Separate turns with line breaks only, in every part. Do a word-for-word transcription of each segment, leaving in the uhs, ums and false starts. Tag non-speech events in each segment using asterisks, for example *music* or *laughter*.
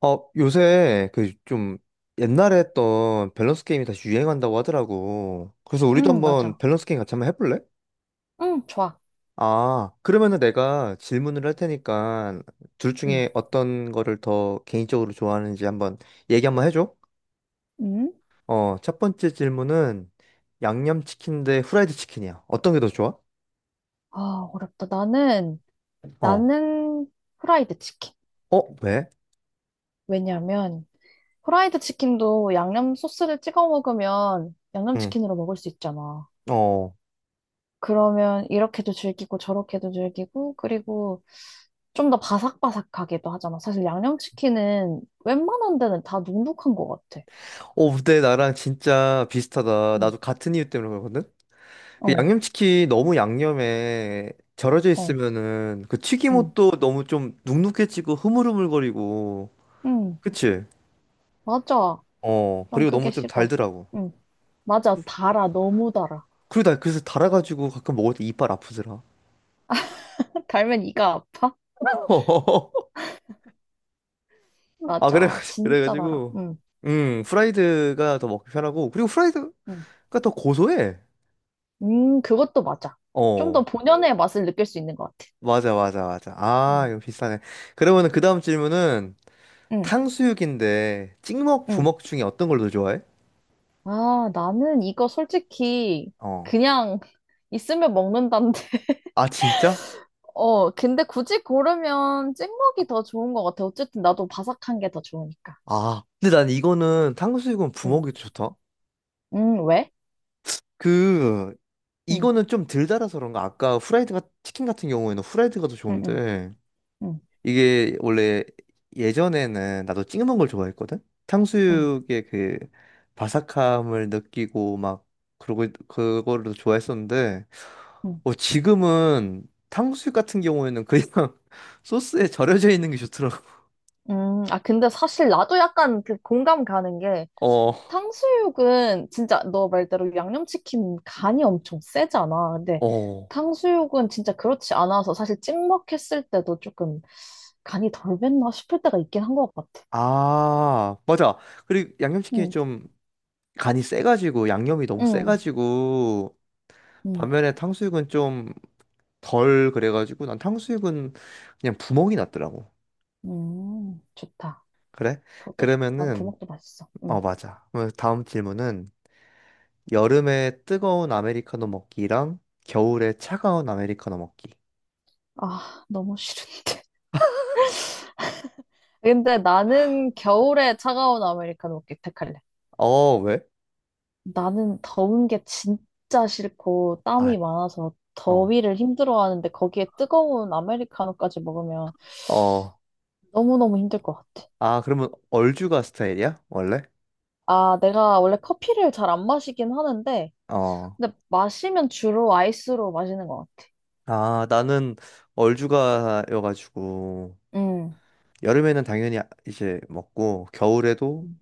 어, 요새 그 좀 옛날에 했던 밸런스 게임이 다시 유행한다고 하더라고. 그래서 우리도
응,
한번
맞아.
밸런스 게임 같이 한번 해볼래?
응, 좋아.
아, 그러면은 내가 질문을 할 테니까 둘
응.
중에 어떤 거를 더 개인적으로 좋아하는지 한번 얘기 한번 해줘.
응.
어, 첫 번째 질문은 양념치킨 대 후라이드 치킨이야. 어떤 게 더 좋아?
아, 어렵다. 나는,
어.
나는 후라이드 치킨.
어, 왜?
왜냐면, 후라이드 치킨도 양념 소스를 찍어 먹으면 양념
응.
치킨으로 먹을 수 있잖아.
어.
그러면 이렇게도 즐기고 저렇게도 즐기고, 그리고 좀 더 바삭바삭하기도 하잖아. 사실 양념 치킨은 웬만한 데는 다 눅눅한 것 같아.
어, 근데 나랑 진짜 비슷하다.
응.
나도 같은 이유 때문에 그러거든? 그
어.
양념치킨 너무 양념에 절여져
어.
있으면은 그
응.
튀김옷도 너무 좀 눅눅해지고 흐물흐물거리고
응.
그치?
맞아.
어
난
그리고
그게
너무 좀
싫어.
달더라고.
응, 맞아. 달아. 너무 달아.
그리고 나 그래서 달아가지고 가끔 먹을 때 이빨 아프더라.
달면 이가 아파?
*laughs* 아, 그래.
맞아. 진짜 달아.
그래가지고
응.
음 프라이드가 더 먹기 편하고 그리고 프라이드가
응.
더 고소해.
음, 그것도 맞아. 좀 더
어
본연의 맛을 느낄 수 있는 것 같아.
맞아, 맞아, 맞아. 아,
응.
이거 비싸네. 그러면은 그 다음 질문은
응.
탕수육인데 찍먹
응.
부먹 중에 어떤 걸 더 좋아해?
아, 나는 이거 솔직히
어.
그냥 있으면 먹는다는데.
아, 진짜?
*laughs* 어, 근데 굳이 고르면 찍먹이 더 좋은 것 같아. 어쨌든 나도 바삭한 게 더 좋으니까.
아, 근데 난 이거는 탕수육은
응.
부먹이 좋다.
응, 왜?
그
응.
이거는 좀 덜 달아서 그런가? 아까 후라이드가 치킨 같은 경우에는 후라이드가 더
응. 응.
좋은데
응.
이게 원래 예전에는 나도 찍먹은 걸 좋아했거든.
응.
탕수육의 그 바삭함을 느끼고 막 그러고 그거를 더 좋아했었는데
응.
어, 지금은 탕수육 같은 경우에는 그냥 *laughs* 소스에 절여져 있는 게 좋더라고.
음, 아, 근데 사실 나도 약간 그 공감 가는 게,
어,
탕수육은 진짜 너 말대로 양념치킨 간이 엄청 세잖아. 근데
어.
탕수육은 진짜 그렇지 않아서 사실 찍먹했을 때도 조금 간이 덜 뱄나 싶을 때가 있긴 한 것 같아.
아, 맞아. 그리고 양념치킨이
응.
좀 간이 세가지고 양념이 너무
응.
세가지고
응.
반면에 탕수육은 좀 덜 그래가지고 난 탕수육은 그냥 구멍이 났더라고.
응. 좋다.
그래?
그것도 좋다.
그러면은
부먹도 맛있어.
어
응.
맞아. 그러면 다음 질문은 여름에 뜨거운 아메리카노 먹기랑 겨울에 차가운 아메리카노 먹기.
아, 너무 싫은데. *laughs* 근데 나는 겨울에 차가운 아메리카노 택할래.
어 왜?
나는 더운 게 진짜 싫고
아,
땀이 많아서
어.
더위를 힘들어하는데 거기에 뜨거운 아메리카노까지 먹으면
어.
너무너무 힘들 것 같아.
아, 그러면 얼죽아 스타일이야? 원래?
아, 내가 원래 커피를 잘 안 마시긴 하는데,
어.
근데 마시면 주로 아이스로 마시는 것 같아.
아, 나는 얼죽아여가지고
음.
여름에는 당연히 이제 먹고 겨울에도
음,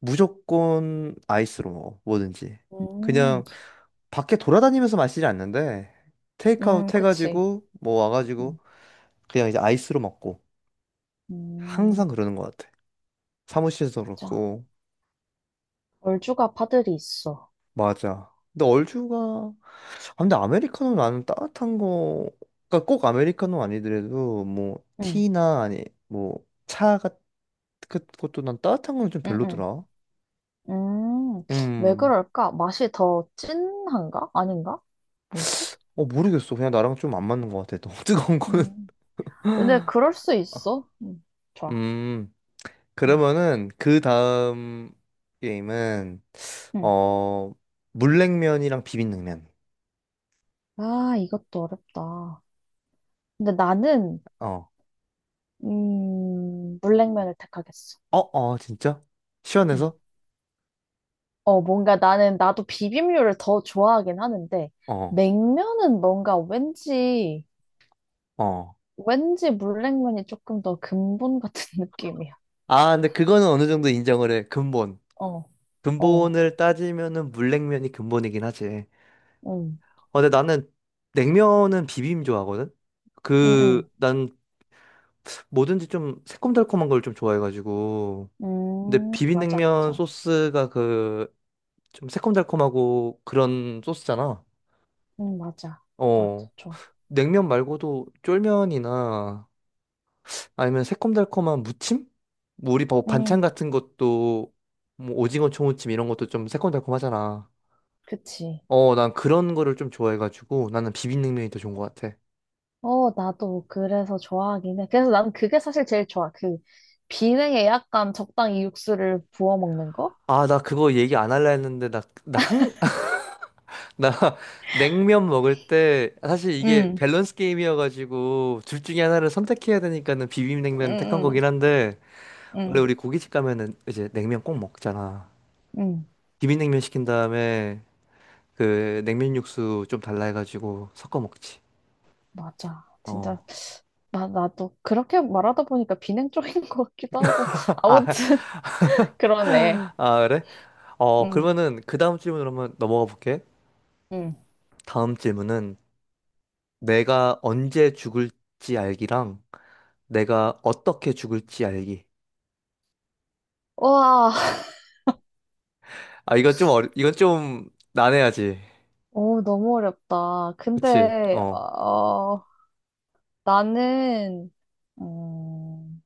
무조건 아이스로 먹어, 뭐든지.
음,
그냥 밖에 돌아다니면서 마시지 않는데,
음,
테이크아웃
그치.
해가지고, 뭐 와가지고,
음.
그냥 이제 아이스로 먹고.
음,
항상 그러는 것 같아. 사무실에서
맞아.
그렇고.
얼죽아 파들이 있어.
맞아. 근데 얼주가, 아, 근데 아메리카노 나는 따뜻한 거, 그러니까 꼭 아메리카노 아니더라도, 뭐,
음.
티나, 아니, 뭐, 차 같은 것도 난 따뜻한 거는 좀
음. 음.
별로더라.
음, 왜
음,
그럴까? 맛이 더 진한가? 아닌가? 뭐지?
어, 모르겠어. 그냥 나랑 좀 안 맞는 것 같아. 너무 *laughs* 뜨거운 거는.
음. 근데 그럴 수
아,
있어. 음. 좋아.
음.
음,
그러면은 그 다음 게임은
음.
어 물냉면이랑 비빔냉면.
아, 이것도 어렵다. 근데 나는,
어.
음, 물냉면을 택하겠어.
어, 어, 진짜?
음.
시원해서?
어, 뭔가 나는, 나도 비빔류를 더 좋아하긴 하는데,
어.
냉면은 뭔가 왠지,
어.
왠지 물냉면이 조금 더 근본 같은 *laughs* 느낌이야.
아, 근데 그거는 어느 정도 인정을 해. 근본.
어. 어.
근본을 따지면은 물냉면이 근본이긴 하지.
음.
어, 근데 나는 냉면은 비빔 좋아하거든.
음.
그
음.
난 뭐든지 좀 새콤달콤한 걸 좀 좋아해가지고. 근데
음, 맞아,
비빔냉면
맞아.
소스가 그 좀 새콤달콤하고 그런 소스잖아.
음, 맞아. 나도
어,
좋아해.
냉면 말고도 쫄면이나 아니면 새콤달콤한 무침? 뭐 우리 뭐 반찬
음,
같은 것도 뭐 오징어 초무침 이런 것도 좀 새콤달콤하잖아.
그치.
어, 난 그런 거를 좀 좋아해가지고 나는 비빔냉면이 더 좋은 것 같아.
어, 나도 그래서 좋아하긴 해. 그래서 난 그게 사실 제일 좋아. 그 비냉에 약간 적당히 육수를 부어 먹는 거?
아, 나 그거 얘기 안 할라 했는데 나, 나 항, *laughs* 나 냉면 먹을 때 사실 이게
응.
밸런스 게임이어가지고 둘 중에 하나를 선택해야 되니까는
응.
비빔냉면을 택한
응.
거긴 한데 원래
응.
우리 고깃집 가면은 이제 냉면 꼭 먹잖아.
응,
비빔냉면 시킨 다음에 그 냉면 육수 좀 달라 해가지고 섞어 먹지.
맞아.
어.
진짜 나 나도 그렇게 말하다 보니까 비냉 쪽인 것 같기도 하고
*laughs* 아,
아무튼 *laughs* 그러네.
아, 그래? 어
응.
그러면은 그 다음 질문으로 한번 넘어가 볼게.
응.
다음 질문은 내가 언제 죽을지 알기랑 내가 어떻게 죽을지 알기.
와.
아, 이건 좀 어려, 이건 좀 난해하지.
오, 너무 어렵다.
그치?
근데
어.
어 나는 음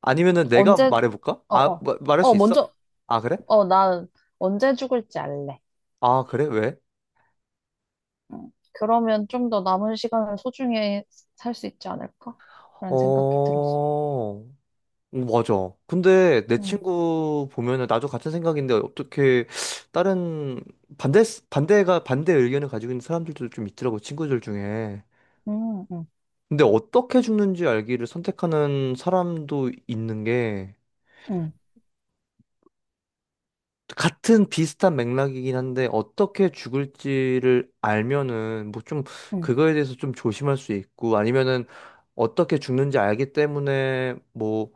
아니면은 내가
언제,
말해볼까?
어어, 어,
아,
어.
마- 말할
어,
수 있어?
먼저.
아, 그래?
어, 나 언제 죽을지 알래.
아, 그래? 왜?
응. 그러면 좀 더 남은 시간을 소중히 살 수 있지 않을까? 라는 생각이 들었어.
어. 오, 맞아. 근데 내
응.
친구 보면은 나도 같은 생각인데 어떻게 다른 반대 반대가 반대 의견을 가지고 있는 사람들도 좀 있더라고 친구들 중에.
응. 응.
근데 어떻게 죽는지 알기를 선택하는 사람도 있는 게
응.
같은 비슷한 맥락이긴 한데 어떻게 죽을지를 알면은 뭐 좀
응.
그거에 대해서 좀 조심할 수 있고 아니면은 어떻게 죽는지 알기 때문에 뭐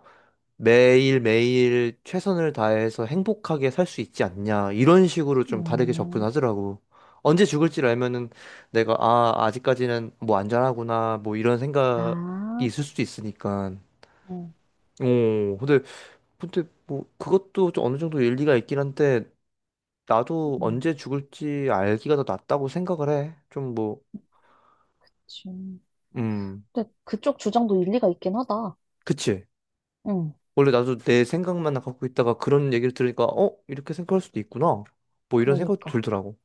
매일매일 최선을 다해서 행복하게 살 수 있지 않냐. 이런 식으로 좀 다르게
음.
접근하더라고. 언제 죽을지를 알면은 내가, 아, 아직까지는 뭐 안전하구나. 뭐 이런 생각이
아.
있을 수도 있으니까.
응.
오, 근데, 근데 뭐 그것도 좀 어느 정도 일리가 있긴 한데, 나도
응.
언제 죽을지 알기가 더 낫다고 생각을 해. 좀 뭐,
지금.
음,
근데 그쪽 주장도 일리가 있긴 하다.
그치.
응,
원래 나도 내 생각만 갖고 있다가 그런 얘기를 들으니까, 어? 이렇게 생각할 수도 있구나. 뭐 이런 생각도
그러니까.
들더라고.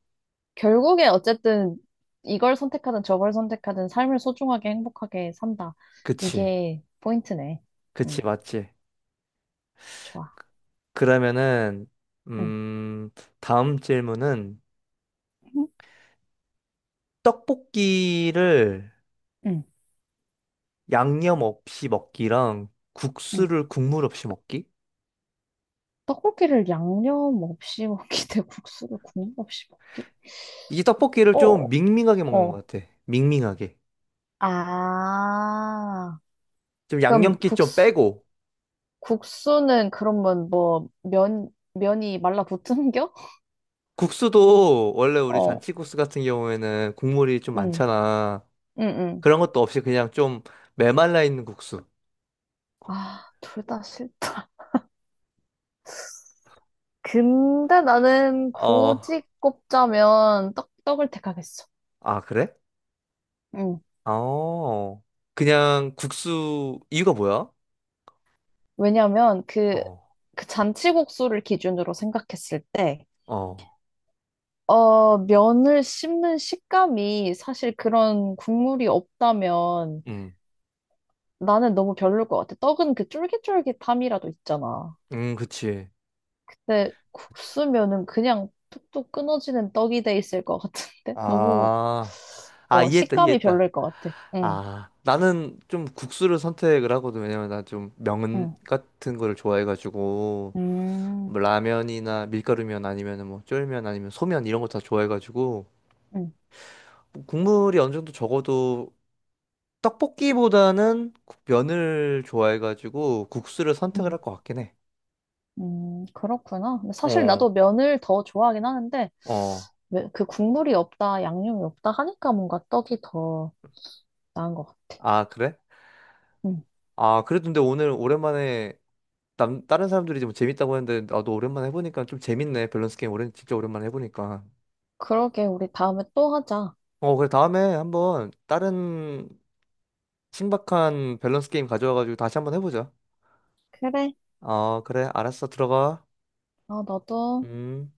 결국에 어쨌든 이걸 선택하든 저걸 선택하든 삶을 소중하게 행복하게 산다.
그치.
이게 포인트네.
그치,
응,
맞지.
좋아.
그러면은,
응.
음, 다음 질문은
응.
떡볶이를
응.
양념 없이 먹기랑
응.
국수를 국물 없이 먹기?
떡고기를 양념 없이 *laughs* 먹기 대 국수를 국물 없이 먹기?
이게 떡볶이를 좀
어.
밍밍하게 먹는
어.
것 같아. 밍밍하게.
아,
좀
그럼
양념기 좀
국수,
빼고.
국수는 그러면 뭐, 면, 면이 말라붙은겨?
국수도 원래
*laughs*
우리
어.
잔치국수 같은 경우에는 국물이 좀
응.
많잖아.
응. 응.
그런 것도 없이 그냥 좀 메말라 있는 국수.
아, 둘 다 싫다. *laughs* 근데 나는
어,
굳이 꼽자면 떡, 떡을 택하겠어.
아, 그래?
응.
어, 그냥 국수, 이유가 뭐야?
왜냐면 그,
어,
그 잔치국수를 기준으로 생각했을 때,
어,
어, 면을 씹는 식감이 사실 그런 국물이 없다면
음,
나는 너무 별로일 것 같아. 떡은 그 쫄깃쫄깃함이라도 있잖아.
음, 그치.
근데 국수면은 그냥 툭툭 끊어지는 떡이 돼 있을 것 같은데? *laughs* 너무,
아, 아,
어,
이해했다,
식감이
이해했다.
별로일 것 같아. 응.
아, 나는 좀 국수를 선택을 하거든. 왜냐면 나 좀 면
응.
같은 거를 좋아해가지고, 뭐
음.
라면이나 밀가루면 아니면 뭐 쫄면 아니면 소면 이런 거 다 좋아해가지고,
응.
뭐 국물이 어느 정도 적어도 떡볶이보다는 국- 면을 좋아해가지고 국수를 선택을
응.
할 것 같긴 해.
음, 그렇구나. 근데 사실
어,
나도 면을 더 좋아하긴 하는데,
어.
왜- 그 국물이 없다, 양념이 없다 하니까 뭔가 떡이 더 나은 것 같아.
아, 그래?
응.
아, 그래도 근데 오늘 오랜만에 남, 다른 사람들이 뭐 재밌다고 했는데 나도 오랜만에 해보니까 좀 재밌네. 밸런스 게임 오랜 진짜 오랜만에 해보니까.
그러게, 우리 다음에 또 하자.
어 그래. 다음에 한번 다른 신박한 밸런스 게임 가져와가지고 다시 한번 해보자.
그래.
어 그래, 알았어. 들어가.
아, 너도.
음.